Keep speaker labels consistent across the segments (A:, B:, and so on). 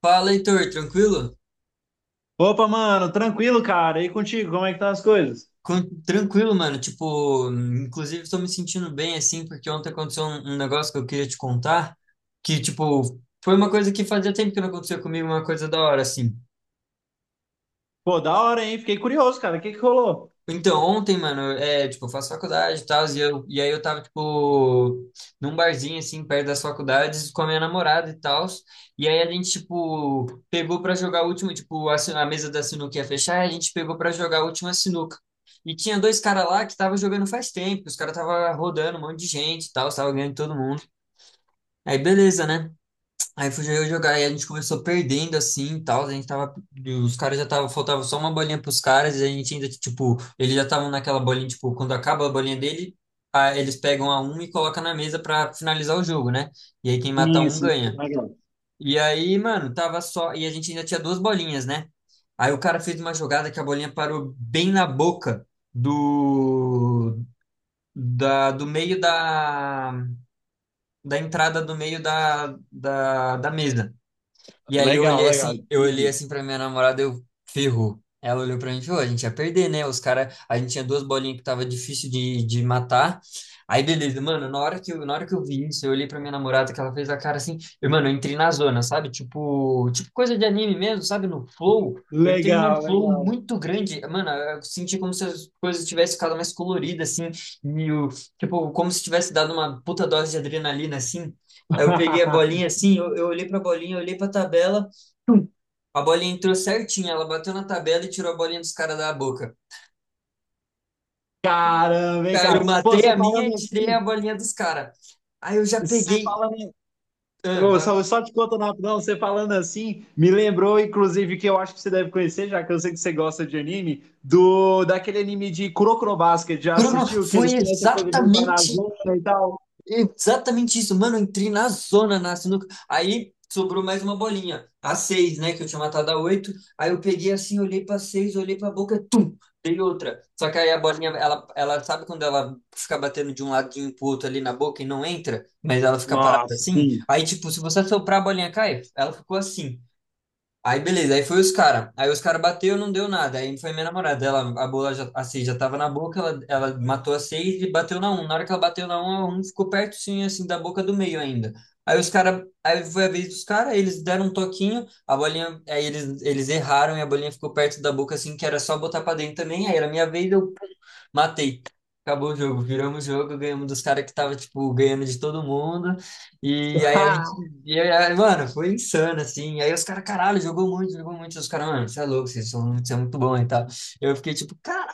A: Fala, Heitor, tranquilo?
B: Opa, mano, tranquilo, cara. E contigo, como é que estão as coisas?
A: Tranquilo, mano. Tipo, inclusive estou me sentindo bem assim, porque ontem aconteceu um negócio que eu queria te contar, que, tipo, foi uma coisa que fazia tempo que não acontecia comigo, uma coisa da hora, assim.
B: Pô, da hora, hein? Fiquei curioso, cara. O que que rolou?
A: Então, ontem, mano, é, tipo, eu faço faculdade e tal, e aí eu tava, tipo, num barzinho, assim, perto das faculdades, com a minha namorada e tal, e aí a gente, tipo, pegou pra jogar a última, tipo, a mesa da sinuca ia fechar, e a gente pegou pra jogar a última sinuca. E tinha dois caras lá que tava jogando faz tempo, os caras tava rodando um monte de gente e tal, tava ganhando todo mundo. Aí, beleza, né? Aí fui eu jogar e a gente começou perdendo assim e tal. A gente tava. Os caras já tava. Faltava só uma bolinha pros caras e a gente ainda, tipo. Eles já estavam naquela bolinha, tipo, quando acaba a bolinha dele, eles pegam a um e colocam na mesa pra finalizar o jogo, né? E aí quem mata
B: Sim,
A: um
B: sim, sim,
A: ganha.
B: legal.
A: E aí, mano, tava só. E a gente ainda tinha duas bolinhas, né? Aí o cara fez uma jogada que a bolinha parou bem na boca do. Da, do meio da. Da entrada do meio da mesa. E aí
B: Legal, legal.
A: eu olhei
B: Uhum.
A: assim pra minha namorada, eu ferrou. Ela olhou pra mim e falou, a gente ia perder, né? Os caras, a gente tinha duas bolinhas que tava difícil de matar. Aí beleza, mano, na hora que eu, na hora que eu vi isso, eu olhei pra minha namorada que ela fez a cara assim, eu, mano, eu entrei na zona, sabe? Tipo, tipo coisa de anime mesmo, sabe? No flow. Eu entrei num
B: Legal,
A: flow
B: legal.
A: muito grande, mano, eu senti como se as coisas tivessem ficado mais coloridas, assim, e o, tipo, como se tivesse dado uma puta dose de adrenalina, assim. Aí eu peguei a bolinha assim, eu olhei pra bolinha, eu olhei pra tabela, a bolinha entrou certinho, ela bateu na tabela e tirou a bolinha dos caras da boca.
B: Caramba, hein,
A: Cara, eu
B: cara? Pô,
A: matei
B: você
A: a minha e
B: falando
A: tirei a
B: assim,
A: bolinha dos caras. Aí eu já
B: você
A: peguei.
B: falando.
A: Ah,
B: Ô,
A: vá.
B: Só te contando rapidão, você falando assim, me lembrou, inclusive, que eu acho que você deve conhecer, já que eu sei que você gosta de anime, do daquele anime de Kuroko no Basket. Já
A: Bruno,
B: assistiu? Que
A: foi
B: eles têm essa coisa de entrar na
A: exatamente
B: zona e tal.
A: Exatamente isso, mano. Eu entrei na zona na sinuca. Aí sobrou mais uma bolinha, a seis, né? Que eu tinha matado a oito. Aí eu peguei assim, olhei pra seis, olhei pra boca, tum, dei outra. Só que aí a bolinha, ela sabe quando ela fica batendo de um ladinho pro outro ali na boca e não entra, mas ela fica parada
B: Nossa,
A: assim?
B: sim.
A: Aí, tipo, se você soprar a bolinha cai, ela ficou assim. Aí beleza, aí foi os cara. Aí os cara bateu, não deu nada. Aí foi minha namorada, ela a bola já assim já tava na boca, ela matou a seis e bateu na um. Na hora que ela bateu na um, a um ficou pertinho assim da boca do meio ainda. Aí os cara, aí foi a vez dos cara, eles deram um toquinho, a bolinha, aí eles erraram e a bolinha ficou perto da boca assim que era só botar pra dentro também. Aí era minha vez, eu pum, matei. Acabou o jogo, viramos o jogo, ganhamos dos cara que tava tipo ganhando de todo mundo. E aí mano, foi insano, assim. Aí os caras, caralho, jogou muito, jogou muito. Os caras, mano, você é louco, vocês são, você é muito bom e tal. Eu fiquei tipo, caralho,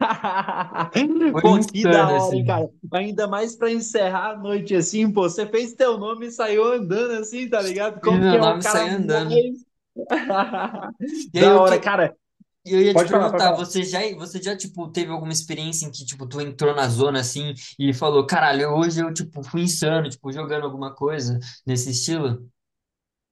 A: foi
B: Pô, que da
A: insano,
B: hora, hein,
A: assim.
B: cara? Ainda mais pra encerrar a noite assim, pô. Você fez teu nome e saiu andando assim, tá ligado?
A: Fiz
B: Como que
A: meu
B: é o
A: nome e saí
B: cara
A: andando.
B: mais.
A: E aí
B: Da
A: eu
B: hora,
A: que.
B: cara.
A: Eu ia te
B: Pode falar, pode
A: perguntar,
B: falar.
A: você já, tipo, teve alguma experiência em que, tipo, tu entrou na zona, assim, e falou, caralho, hoje eu, tipo, fui insano, tipo, jogando alguma coisa nesse estilo?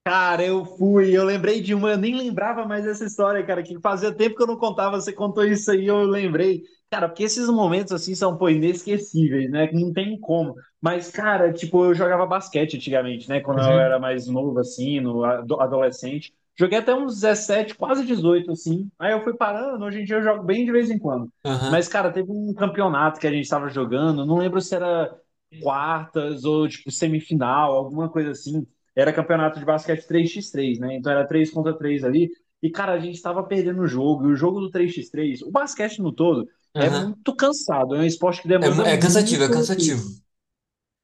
B: Cara, eu fui, eu lembrei de uma, eu nem lembrava mais dessa história, cara, que fazia tempo que eu não contava, você contou isso aí, eu lembrei. Cara, porque esses momentos assim são, pô, inesquecíveis, né? Que não tem como. Mas, cara, tipo, eu jogava basquete antigamente, né? Quando eu era
A: Uhum,
B: mais novo, assim, no adolescente. Joguei até uns 17, quase 18, assim. Aí eu fui parando, hoje em dia eu jogo bem de vez em quando.
A: aham,
B: Mas, cara, teve um campeonato que a gente tava jogando, não lembro se era quartas ou, tipo, semifinal, alguma coisa assim, era campeonato de basquete três x três, né? Então era 3 contra 3 ali. E, cara, a gente estava perdendo o jogo. E o jogo do três x três, o basquete no todo, é
A: aham.
B: muito cansado. É um esporte que
A: É,
B: demanda
A: é cansativo, é
B: muito,
A: cansativo.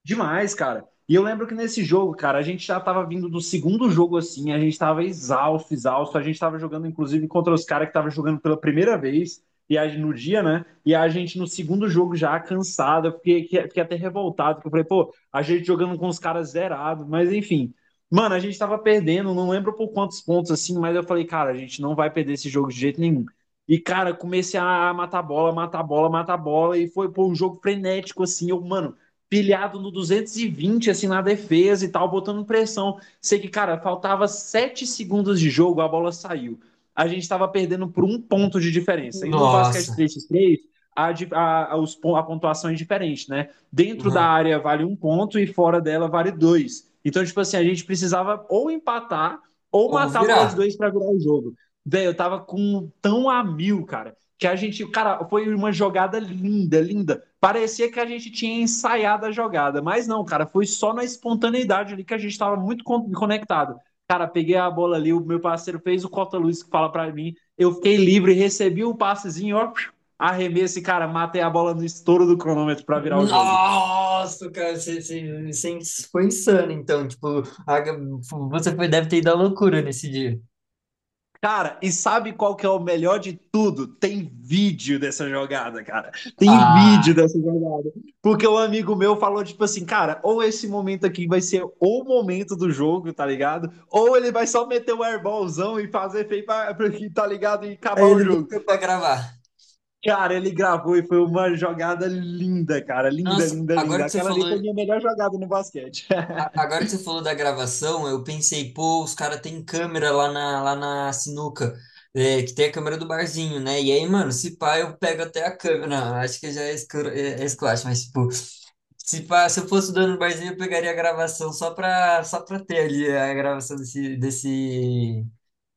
B: demais, cara. E eu lembro que nesse jogo, cara, a gente já tava vindo do segundo jogo assim, a gente tava exausto, exausto, a gente tava jogando inclusive contra os caras que tava jogando pela primeira vez e a, no dia, né? E a gente no segundo jogo já cansado, eu fiquei, fiquei até revoltado, porque eu falei, pô, a gente jogando com os caras zerado, mas enfim. Mano, a gente tava perdendo, não lembro por quantos pontos assim, mas eu falei, cara, a gente não vai perder esse jogo de jeito nenhum. E, cara, comecei a matar bola, matar bola, matar bola, e foi, pô, um jogo frenético, assim. Eu, mano, pilhado no 220 assim, na defesa e tal, botando pressão. Sei que, cara, faltava 7 segundos de jogo, a bola saiu. A gente estava perdendo por um ponto de diferença. E no basquete
A: Nossa.
B: três x três a pontuação é diferente, né? Dentro da
A: Aham.
B: área vale um ponto e fora dela vale dois. Então, tipo assim, a gente precisava ou empatar ou
A: Ou
B: matar a bola de
A: virar.
B: dois para virar o jogo. Velho, eu tava com tão a mil, cara, que a gente, cara, foi uma jogada linda, linda. Parecia que a gente tinha ensaiado a jogada, mas não, cara, foi só na espontaneidade ali que a gente estava muito conectado. Cara, peguei a bola ali, o meu parceiro fez o cota-luz que fala para mim, eu fiquei livre, recebi um passezinho, ó, arremesso e, cara, matei a bola no estouro do cronômetro para virar o jogo.
A: Nossa, cara, você foi insano, então. Tipo, você foi, deve ter ido à loucura nesse dia.
B: Cara, e sabe qual que é o melhor de tudo? Tem vídeo dessa jogada, cara. Tem vídeo
A: Ah!
B: dessa jogada. Porque um amigo meu falou, tipo assim, cara, ou esse momento aqui vai ser o momento do jogo, tá ligado? Ou ele vai só meter o airballzão e fazer feio, tá ligado? E
A: Aí
B: acabar o
A: ele
B: jogo.
A: voltou pra gravar.
B: Cara, ele gravou e foi uma jogada linda, cara. Linda,
A: Nossa,
B: linda,
A: agora
B: linda.
A: que você
B: Aquela
A: falou,
B: ali foi minha melhor jogada no basquete.
A: agora que você falou da gravação, eu pensei, pô, os caras têm câmera lá na sinuca, é, que tem a câmera do barzinho, né? E aí, mano, se pá, eu pego até a câmera. Não, acho que já é esculacho, é esculacho, mas, tipo, se eu fosse o dono do barzinho, eu pegaria a gravação só pra ter ali a gravação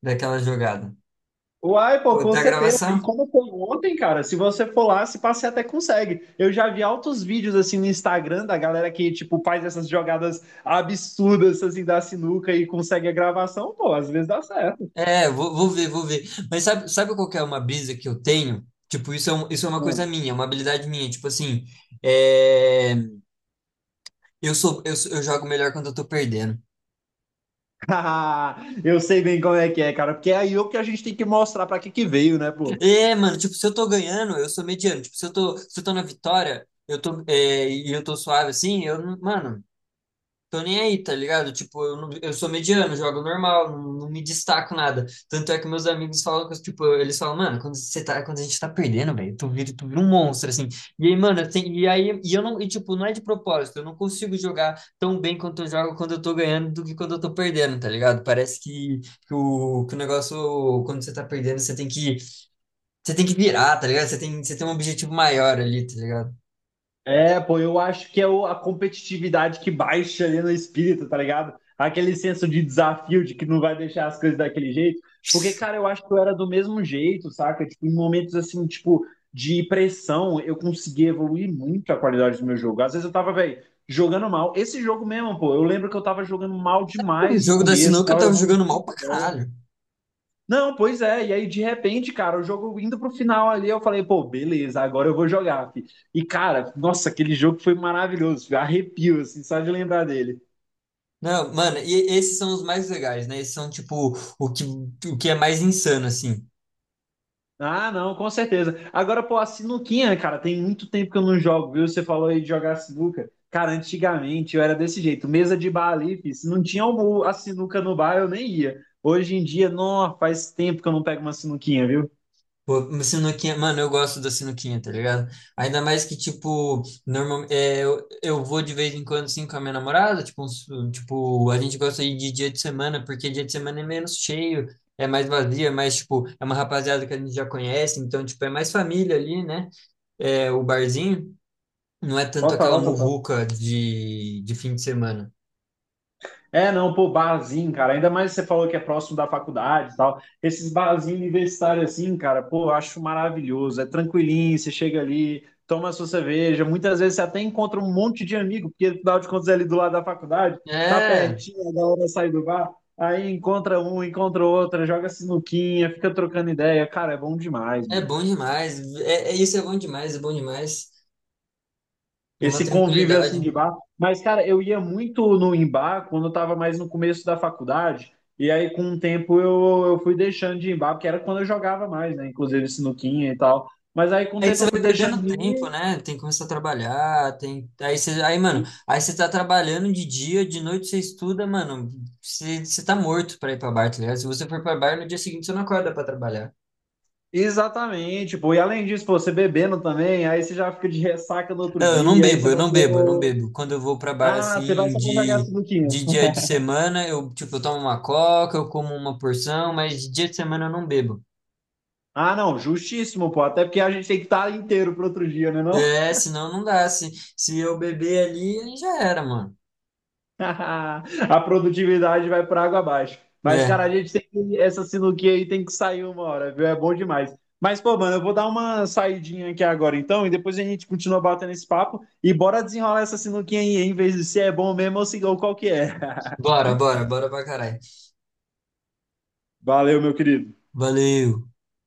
A: daquela jogada.
B: Uai, pô,
A: Pô,
B: com
A: tá a
B: certeza. E
A: gravação?
B: como foi ontem, cara, se você for lá, se pá, você até consegue. Eu já vi altos vídeos assim no Instagram da galera que, tipo, faz essas jogadas absurdas assim da sinuca e consegue a gravação, pô, às vezes dá certo.
A: É, vou ver, vou ver. Mas sabe, sabe qual que é uma brisa que eu tenho? Tipo, isso é, isso é uma coisa
B: Hum.
A: minha, é uma habilidade minha. Tipo assim, é, eu jogo melhor quando eu tô perdendo.
B: Eu sei bem como é que é, cara, porque é aí o que a gente tem que mostrar pra que que veio, né, pô?
A: É, mano, tipo, se eu tô ganhando, eu sou mediano. Tipo, se eu tô na vitória, eu tô, eu tô suave assim, eu, não- mano. Tô nem aí, tá ligado? Tipo, eu, não- eu sou mediano, jogo normal, não, não me destaco nada. Tanto é que meus amigos falam, que, eu, tipo, eles falam, mano, quando você tá, quando a gente tá perdendo, velho, tu vira um monstro, assim. E aí, mano, e aí, e tipo, não é de propósito, eu não consigo jogar tão bem quanto eu jogo quando eu tô ganhando do que quando eu tô perdendo, tá ligado? Parece que, que o negócio, quando você tá perdendo, você tem que virar, tá ligado? Você tem um objetivo maior ali, tá ligado?
B: É, pô, eu acho que é a competitividade que baixa ali no espírito, tá ligado? Aquele senso de desafio, de que não vai deixar as coisas daquele jeito. Porque, cara, eu acho que eu era do mesmo jeito, saca? Tipo, em momentos assim, tipo, de pressão, eu consegui evoluir muito a qualidade do meu jogo. Às vezes eu tava, velho, jogando mal. Esse jogo mesmo, pô, eu lembro que eu tava jogando mal
A: O
B: demais no
A: jogo da
B: começo,
A: sinuca eu
B: tava
A: tava
B: errando
A: jogando mal
B: muita
A: pra
B: bola.
A: caralho.
B: Não, pois é. E aí, de repente, cara, o jogo indo pro final ali, eu falei, pô, beleza, agora eu vou jogar, fi. E, cara, nossa, aquele jogo foi maravilhoso, fi. Arrepio, assim, só de lembrar dele.
A: Não, mano, e esses são os mais legais, né? Esses são, tipo, o que, o que é mais insano, assim.
B: Ah, não, com certeza. Agora, pô, a sinuquinha, cara, tem muito tempo que eu não jogo, viu? Você falou aí de jogar sinuca. Cara, antigamente eu era desse jeito, mesa de bar ali, fi. Se não tinha a sinuca no bar, eu nem ia. Hoje em dia, não, faz tempo que eu não pego uma sinuquinha, viu?
A: Pô, uma sinuquinha, mano, eu gosto da sinuquinha, tá ligado? Ainda mais que, tipo, normal, é, eu vou de vez em quando, assim, com a minha namorada, tipo, tipo, a gente gosta de ir de dia de semana, porque dia de semana é menos cheio, é mais vazio, é mais, tipo, é uma rapaziada que a gente já conhece, então, tipo, é mais família ali, né? É, o barzinho não é tanto aquela
B: Total, total.
A: muvuca de fim de semana.
B: É, não, pô, barzinho, cara. Ainda mais você falou que é próximo da faculdade e tal. Esses barzinhos universitários assim, cara, pô, eu acho maravilhoso. É tranquilinho, você chega ali, toma a sua cerveja. Muitas vezes você até encontra um monte de amigo, porque afinal de contas é ali do lado da faculdade, tá
A: É,
B: pertinho, é da hora de sair do bar. Aí encontra um, encontra outra, joga sinuquinha, fica trocando ideia. Cara, é bom demais,
A: é
B: mano.
A: bom demais. É, isso é bom demais, é bom demais. É uma
B: Esse convívio
A: tranquilidade.
B: assim de bar. Mas, cara, eu ia muito no em bar quando eu tava mais no começo da faculdade. E aí, com o tempo, eu fui deixando de ir em bar, porque era quando eu jogava mais, né? Inclusive sinuquinha e tal. Mas aí, com o
A: É que
B: tempo,
A: você
B: eu fui
A: vai
B: deixando
A: perdendo
B: de ir.
A: tempo, né? Tem que começar a trabalhar, tem aí você aí, mano, aí você tá trabalhando de dia, de noite você estuda, mano, você, você tá morto pra ir pra bar, tá ligado? Se você for pra bar no dia seguinte você não acorda pra trabalhar.
B: Exatamente, pô. E além disso, pô, você bebendo também, aí você já fica de ressaca no outro
A: Não, eu não
B: dia, aí você
A: bebo, eu
B: vai
A: não bebo, eu não
B: pro...
A: bebo. Quando eu vou pra bar
B: Ah, você vai
A: assim
B: só pra jogar sinuquinha.
A: de dia de semana, eu tipo, eu tomo uma coca, eu como uma porção, mas de dia de semana eu não bebo.
B: Ah, não, justíssimo, pô. Até porque a gente tem que estar inteiro pro outro dia, né, não?
A: É, senão não dá. Se eu beber ali, aí já era, mano.
B: A produtividade vai para água abaixo. Mas,
A: É.
B: cara, a gente tem que, essa sinuquinha aí tem que sair uma hora, viu? É bom demais. Mas, pô, mano, eu vou dar uma saidinha aqui agora, então, e depois a gente continua batendo esse papo e bora desenrolar essa sinuquinha aí, em vez de se é bom mesmo ou ou qual que é.
A: Bora, bora, bora pra caralho.
B: Valeu, meu querido.
A: Valeu.